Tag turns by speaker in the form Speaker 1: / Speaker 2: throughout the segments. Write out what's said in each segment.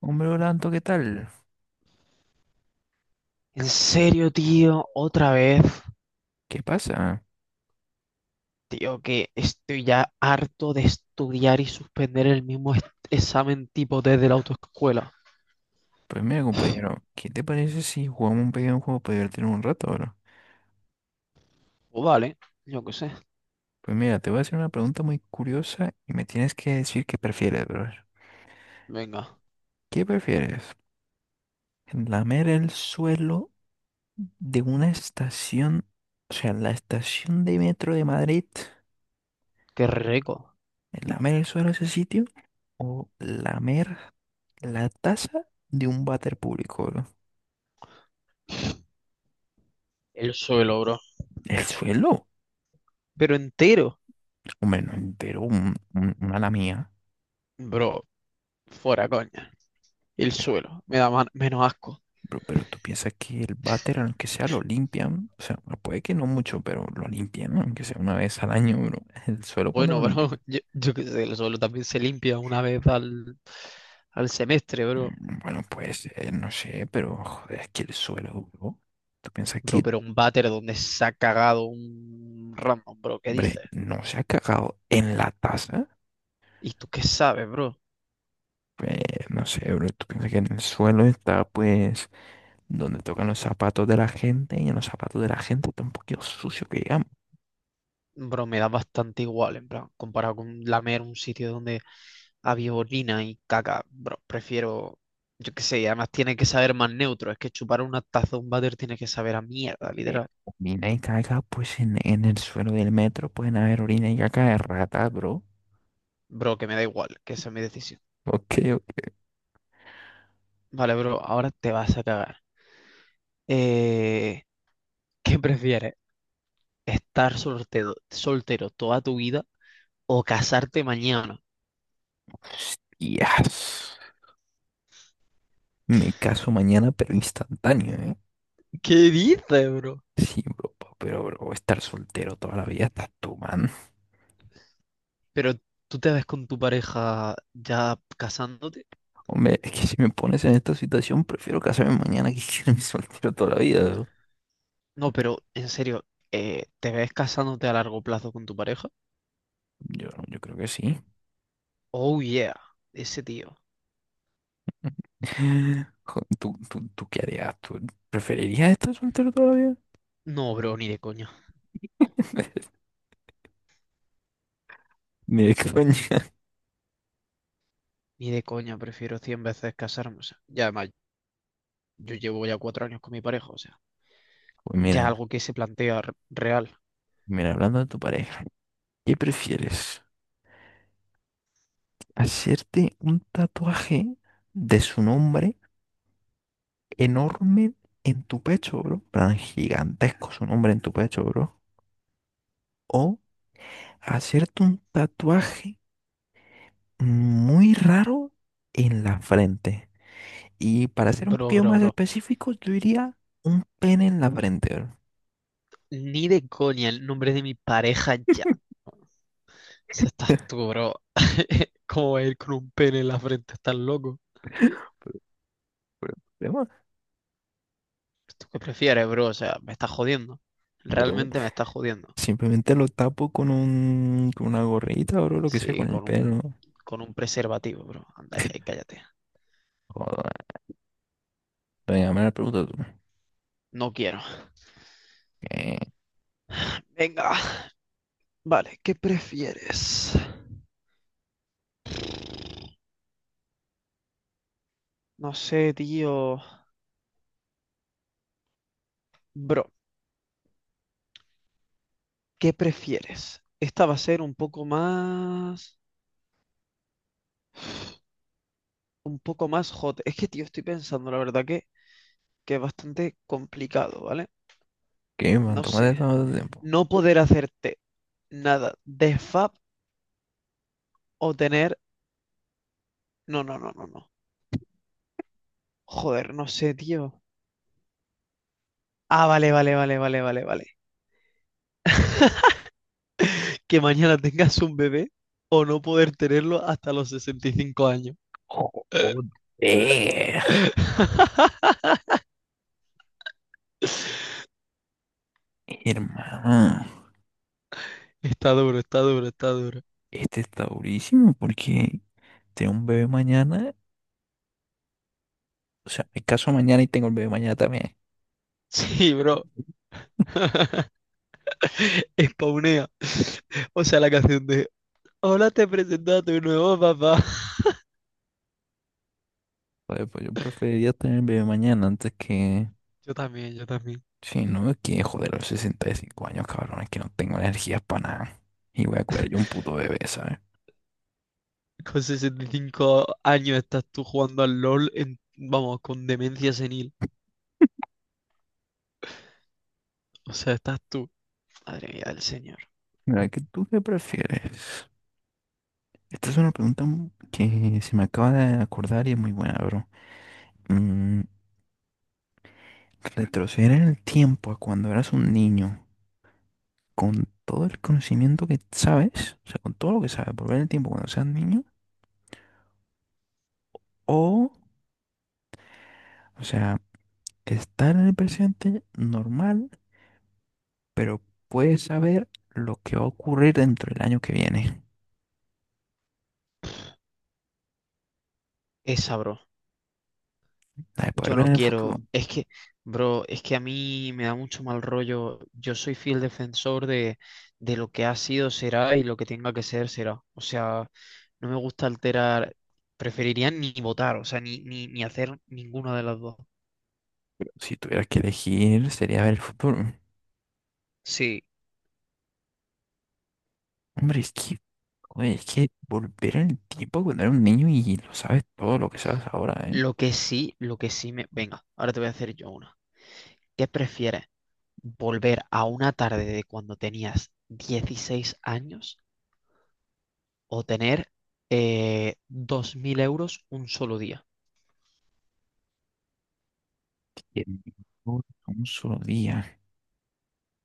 Speaker 1: Hombre, Orlando, ¿qué tal?
Speaker 2: En serio, tío, otra vez,
Speaker 1: ¿Qué pasa?
Speaker 2: tío, que estoy ya harto de estudiar y suspender el mismo examen tipo D de la autoescuela.
Speaker 1: Pues mira, compañero, ¿qué te parece si jugamos un pequeño juego para divertirnos un rato, bro?
Speaker 2: O vale, yo qué sé.
Speaker 1: Pues mira, te voy a hacer una pregunta muy curiosa y me tienes que decir qué prefieres, bro.
Speaker 2: Venga,
Speaker 1: ¿Qué prefieres? ¿Lamer el suelo de una estación, o sea, la estación de metro de Madrid?
Speaker 2: qué rico.
Speaker 1: ¿Lamer el suelo de ese sitio? ¿O lamer la taza de un váter público, bro?
Speaker 2: El suelo, bro.
Speaker 1: ¿El suelo?
Speaker 2: Pero entero.
Speaker 1: Hombre, no, entero, una la mía.
Speaker 2: Bro, fuera coña. El suelo, me da menos asco.
Speaker 1: Pero tú piensas que el váter, aunque sea, lo limpian. O sea, bueno, puede que no mucho, pero lo limpian, ¿no? Aunque sea una vez al año, bro. El suelo cuando
Speaker 2: Bueno,
Speaker 1: lo
Speaker 2: bro,
Speaker 1: limpian.
Speaker 2: yo qué sé, el suelo también se limpia una vez al semestre, bro.
Speaker 1: Bueno, pues no sé, pero joder, es que el suelo, bro. ¿Tú piensas
Speaker 2: Bro,
Speaker 1: que,
Speaker 2: pero un váter donde se ha cagado un random, bro, ¿qué
Speaker 1: Hombre,
Speaker 2: dices?
Speaker 1: ¿no se ha cagado en la taza?
Speaker 2: ¿Y tú qué sabes, bro?
Speaker 1: Pues no sé, bro. ¿Tú piensas que en el suelo está, pues, donde tocan los zapatos de la gente? Y en los zapatos de la gente está un poquito sucio que digamos.
Speaker 2: Bro, me da bastante igual, en plan, comparado con lamer un sitio donde había orina y caca, bro, prefiero, yo qué sé, y además tiene que saber más neutro, es que chupar una taza de un váter tiene que saber a mierda,
Speaker 1: De
Speaker 2: literal.
Speaker 1: orina y caca, pues en el suelo del metro pueden haber orina y caca de ratas, bro.
Speaker 2: Bro, que me da igual, que esa es mi decisión.
Speaker 1: Ok, ok.
Speaker 2: Vale, bro, ahora te vas a cagar. Eh, ¿qué prefieres? ¿Estar soltero, soltero toda tu vida o casarte mañana?
Speaker 1: Hostias. Me caso mañana, pero instantáneo, ¿eh?
Speaker 2: ¿Qué dices, bro?
Speaker 1: Sí, bro, pero bro, voy a estar soltero toda la vida, estás tú, man.
Speaker 2: Pero tú te ves con tu pareja ya casándote.
Speaker 1: Hombre, es que si me pones en esta situación, prefiero casarme mañana que quedarme soltero toda la vida, bro.
Speaker 2: No, pero en serio, ¿te ves casándote a largo plazo con tu pareja?
Speaker 1: Yo creo que sí.
Speaker 2: Oh yeah, ese tío.
Speaker 1: Jo, ¿tú qué harías? ¿Tú preferirías estar soltero toda la vida?
Speaker 2: No, bro, ni de coña.
Speaker 1: Mira, coño.
Speaker 2: Ni de coña, prefiero 100 veces casarme. O sea, ya además, yo llevo ya 4 años con mi pareja, o sea,
Speaker 1: Pues
Speaker 2: ya es
Speaker 1: mira,
Speaker 2: algo que se plantea real.
Speaker 1: mira, hablando de tu pareja, ¿qué prefieres? ¿Hacerte un tatuaje de su nombre enorme en tu pecho, bro? En plan, gigantesco su nombre en tu pecho, bro. O hacerte un tatuaje muy raro en la frente. Y para ser un
Speaker 2: Bro,
Speaker 1: poquito
Speaker 2: bro,
Speaker 1: más
Speaker 2: bro.
Speaker 1: específico, yo diría un pene en la frente, bro.
Speaker 2: Ni de coña el nombre de mi pareja ya. Se estás tú, bro. ¿Cómo va a ir con un pene en la frente? ¿Estás loco?
Speaker 1: Pero- pero problema,
Speaker 2: ¿Tú qué prefieres, bro? O sea, me estás jodiendo.
Speaker 1: bro,
Speaker 2: Realmente me estás jodiendo.
Speaker 1: simplemente lo tapo con un, con una gorrita, bro, lo que sea,
Speaker 2: Sí,
Speaker 1: con el
Speaker 2: con un,
Speaker 1: pelo.
Speaker 2: con un preservativo, bro. Anda ya y cállate.
Speaker 1: Joder, venga, me la pregunta tú.
Speaker 2: No quiero.
Speaker 1: ¿Qué?
Speaker 2: Venga. Vale, ¿qué prefieres? No sé, tío. Bro, ¿qué prefieres? Esta va a ser un poco más... Un poco más hot. Es que, tío, estoy pensando, la verdad que es bastante complicado, ¿vale?
Speaker 1: ¿Qué, man?
Speaker 2: No sé.
Speaker 1: Tómate todo tu tiempo.
Speaker 2: No poder hacerte nada de fab o tener... No, no, no, no, no. Joder, no sé, tío. Ah, vale, vale, vale, vale, vale, vale. Que mañana tengas un bebé o no poder tenerlo hasta los 65 años.
Speaker 1: Joder. Hermano,
Speaker 2: Está duro, está duro, está duro.
Speaker 1: este está durísimo porque tengo un bebé mañana. O sea, me caso mañana y tengo el bebé mañana también.
Speaker 2: Sí, bro. Spawnea. O sea, la canción de "Hola, te presento a tu nuevo papá".
Speaker 1: Joder, pues yo preferiría tener el bebé mañana antes que...
Speaker 2: Yo también, yo también.
Speaker 1: Sí, no, es que joder, a los 65 años, cabrón, es que no tengo energías para nada. Y voy a cuidar yo un puto bebé, ¿sabes?
Speaker 2: Con 65 años estás tú jugando al LOL en, vamos, con demencia senil. O sea, estás tú. Madre mía del señor.
Speaker 1: Mira, ¿qué tú qué prefieres? Esta es una pregunta que se me acaba de acordar y es muy buena, bro. Mm, retroceder en el tiempo a cuando eras un niño con todo el conocimiento que sabes, o sea, con todo lo que sabes, volver en el tiempo cuando seas niño, o, o sea, estar en el presente normal, pero puedes saber lo que va a ocurrir dentro del año que viene,
Speaker 2: Esa, bro.
Speaker 1: la de poder
Speaker 2: Yo
Speaker 1: ver
Speaker 2: no
Speaker 1: en el futuro.
Speaker 2: quiero, es que, bro, es que a mí me da mucho mal rollo. Yo soy fiel defensor de lo que ha sido será y lo que tenga que ser será. O sea, no me gusta alterar, preferiría ni votar, o sea, ni hacer ninguna de las dos.
Speaker 1: Si tuvieras que elegir, sería ver el futuro.
Speaker 2: Sí,
Speaker 1: Hombre, es que, joder, es que volver en el tiempo cuando eres un niño y lo sabes todo lo que sabes ahora, ¿eh?
Speaker 2: lo que sí, lo que sí me... Venga, ahora te voy a hacer yo una. ¿Qué prefieres? ¿Volver a una tarde de cuando tenías 16 años o tener 2.000 euros un solo día?
Speaker 1: Y en un solo día.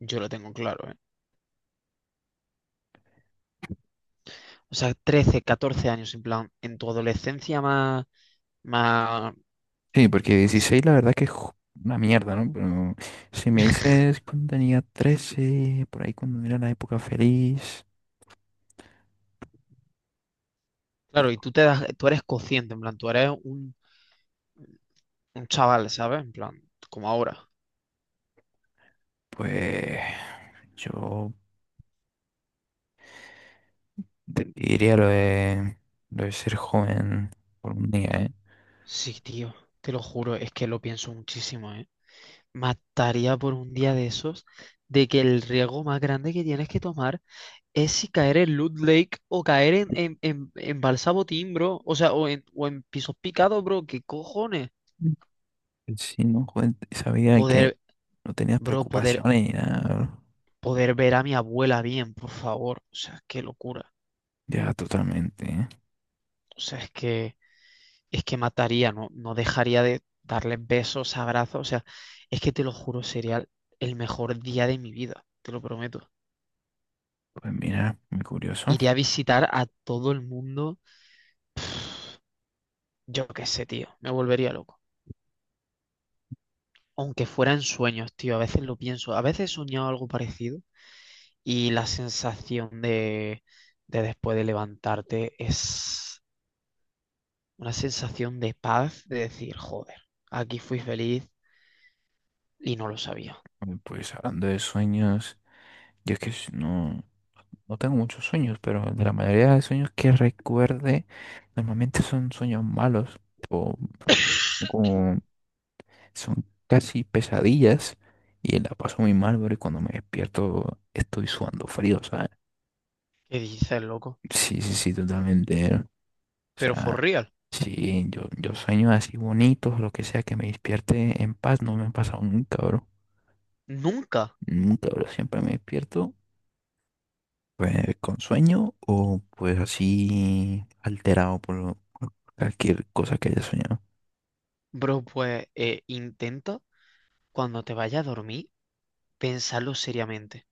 Speaker 2: Yo lo tengo claro, ¿eh? O sea, 13, 14 años, en plan, en tu adolescencia más, más...
Speaker 1: Sí, porque 16 la verdad que es una mierda, ¿no? Pero si me dices cuando tenía 13 por ahí cuando era la época feliz, y
Speaker 2: Claro, y tú te das, tú eres consciente, en plan, tú eres un chaval, ¿sabes? En plan, como ahora.
Speaker 1: pues yo te diría lo de ser joven por un día, ¿eh?
Speaker 2: Sí, tío, te lo juro, es que lo pienso muchísimo, ¿eh? Mataría por un día de esos de que el riesgo más grande que tienes que tomar es si caer en Loot Lake o caer en Balsabotín, bro. O sea, o en pisos picados, bro. ¿Qué cojones?
Speaker 1: Mm. Sí, ¿no? Joven, sabía
Speaker 2: Poder,
Speaker 1: que no tenías
Speaker 2: bro, poder
Speaker 1: preocupaciones ni nada.
Speaker 2: poder ver a mi abuela bien, por favor. O sea, qué locura.
Speaker 1: Ya, totalmente, ¿eh?
Speaker 2: O sea, es que mataría, no, no dejaría de darles besos, abrazos. O sea, es que te lo juro, sería el mejor día de mi vida, te lo prometo.
Speaker 1: Pues mira, muy curioso.
Speaker 2: Iría a visitar a todo el mundo. Yo qué sé, tío, me volvería loco. Aunque fuera en sueños, tío, a veces lo pienso. A veces he soñado algo parecido y la sensación de después de levantarte es una sensación de paz, de decir, joder, aquí fui feliz y no lo sabía.
Speaker 1: Pues hablando de sueños, yo es que si no... No tengo muchos sueños, pero de la mayoría de sueños que recuerde, normalmente son sueños malos o como son casi pesadillas y la paso muy mal, pero cuando me despierto estoy sudando frío, ¿sabes?
Speaker 2: ¿Qué dices, loco?
Speaker 1: Sí, sí, sí, totalmente, ¿eh? O
Speaker 2: Pero for
Speaker 1: sea,
Speaker 2: real,
Speaker 1: sí, yo sueños así bonitos, lo que sea, que me despierte en paz, no me ha pasado nunca, bro.
Speaker 2: nunca.
Speaker 1: Nunca, bro, siempre me despierto. Pues con sueño o pues así alterado por por cualquier cosa que haya soñado.
Speaker 2: Bro, pues intenta cuando te vayas a dormir pensarlo seriamente.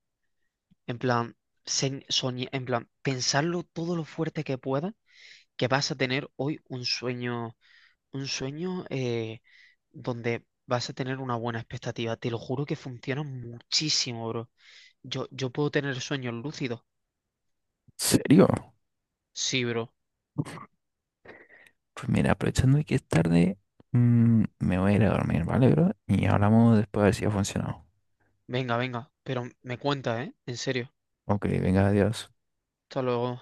Speaker 2: En plan, en plan, pensarlo todo lo fuerte que puedas, que vas a tener hoy un sueño donde vas a tener una buena expectativa. Te lo juro que funciona muchísimo, bro. Yo puedo tener sueños lúcidos.
Speaker 1: ¿Serio?
Speaker 2: Sí, bro.
Speaker 1: Pues mira, aprovechando que es tarde, mm, me voy a ir a dormir, ¿vale, bro? Y hablamos después a ver si ha funcionado.
Speaker 2: Venga, venga, pero me cuenta, ¿eh? En serio.
Speaker 1: Ok, venga, adiós.
Speaker 2: Hasta luego.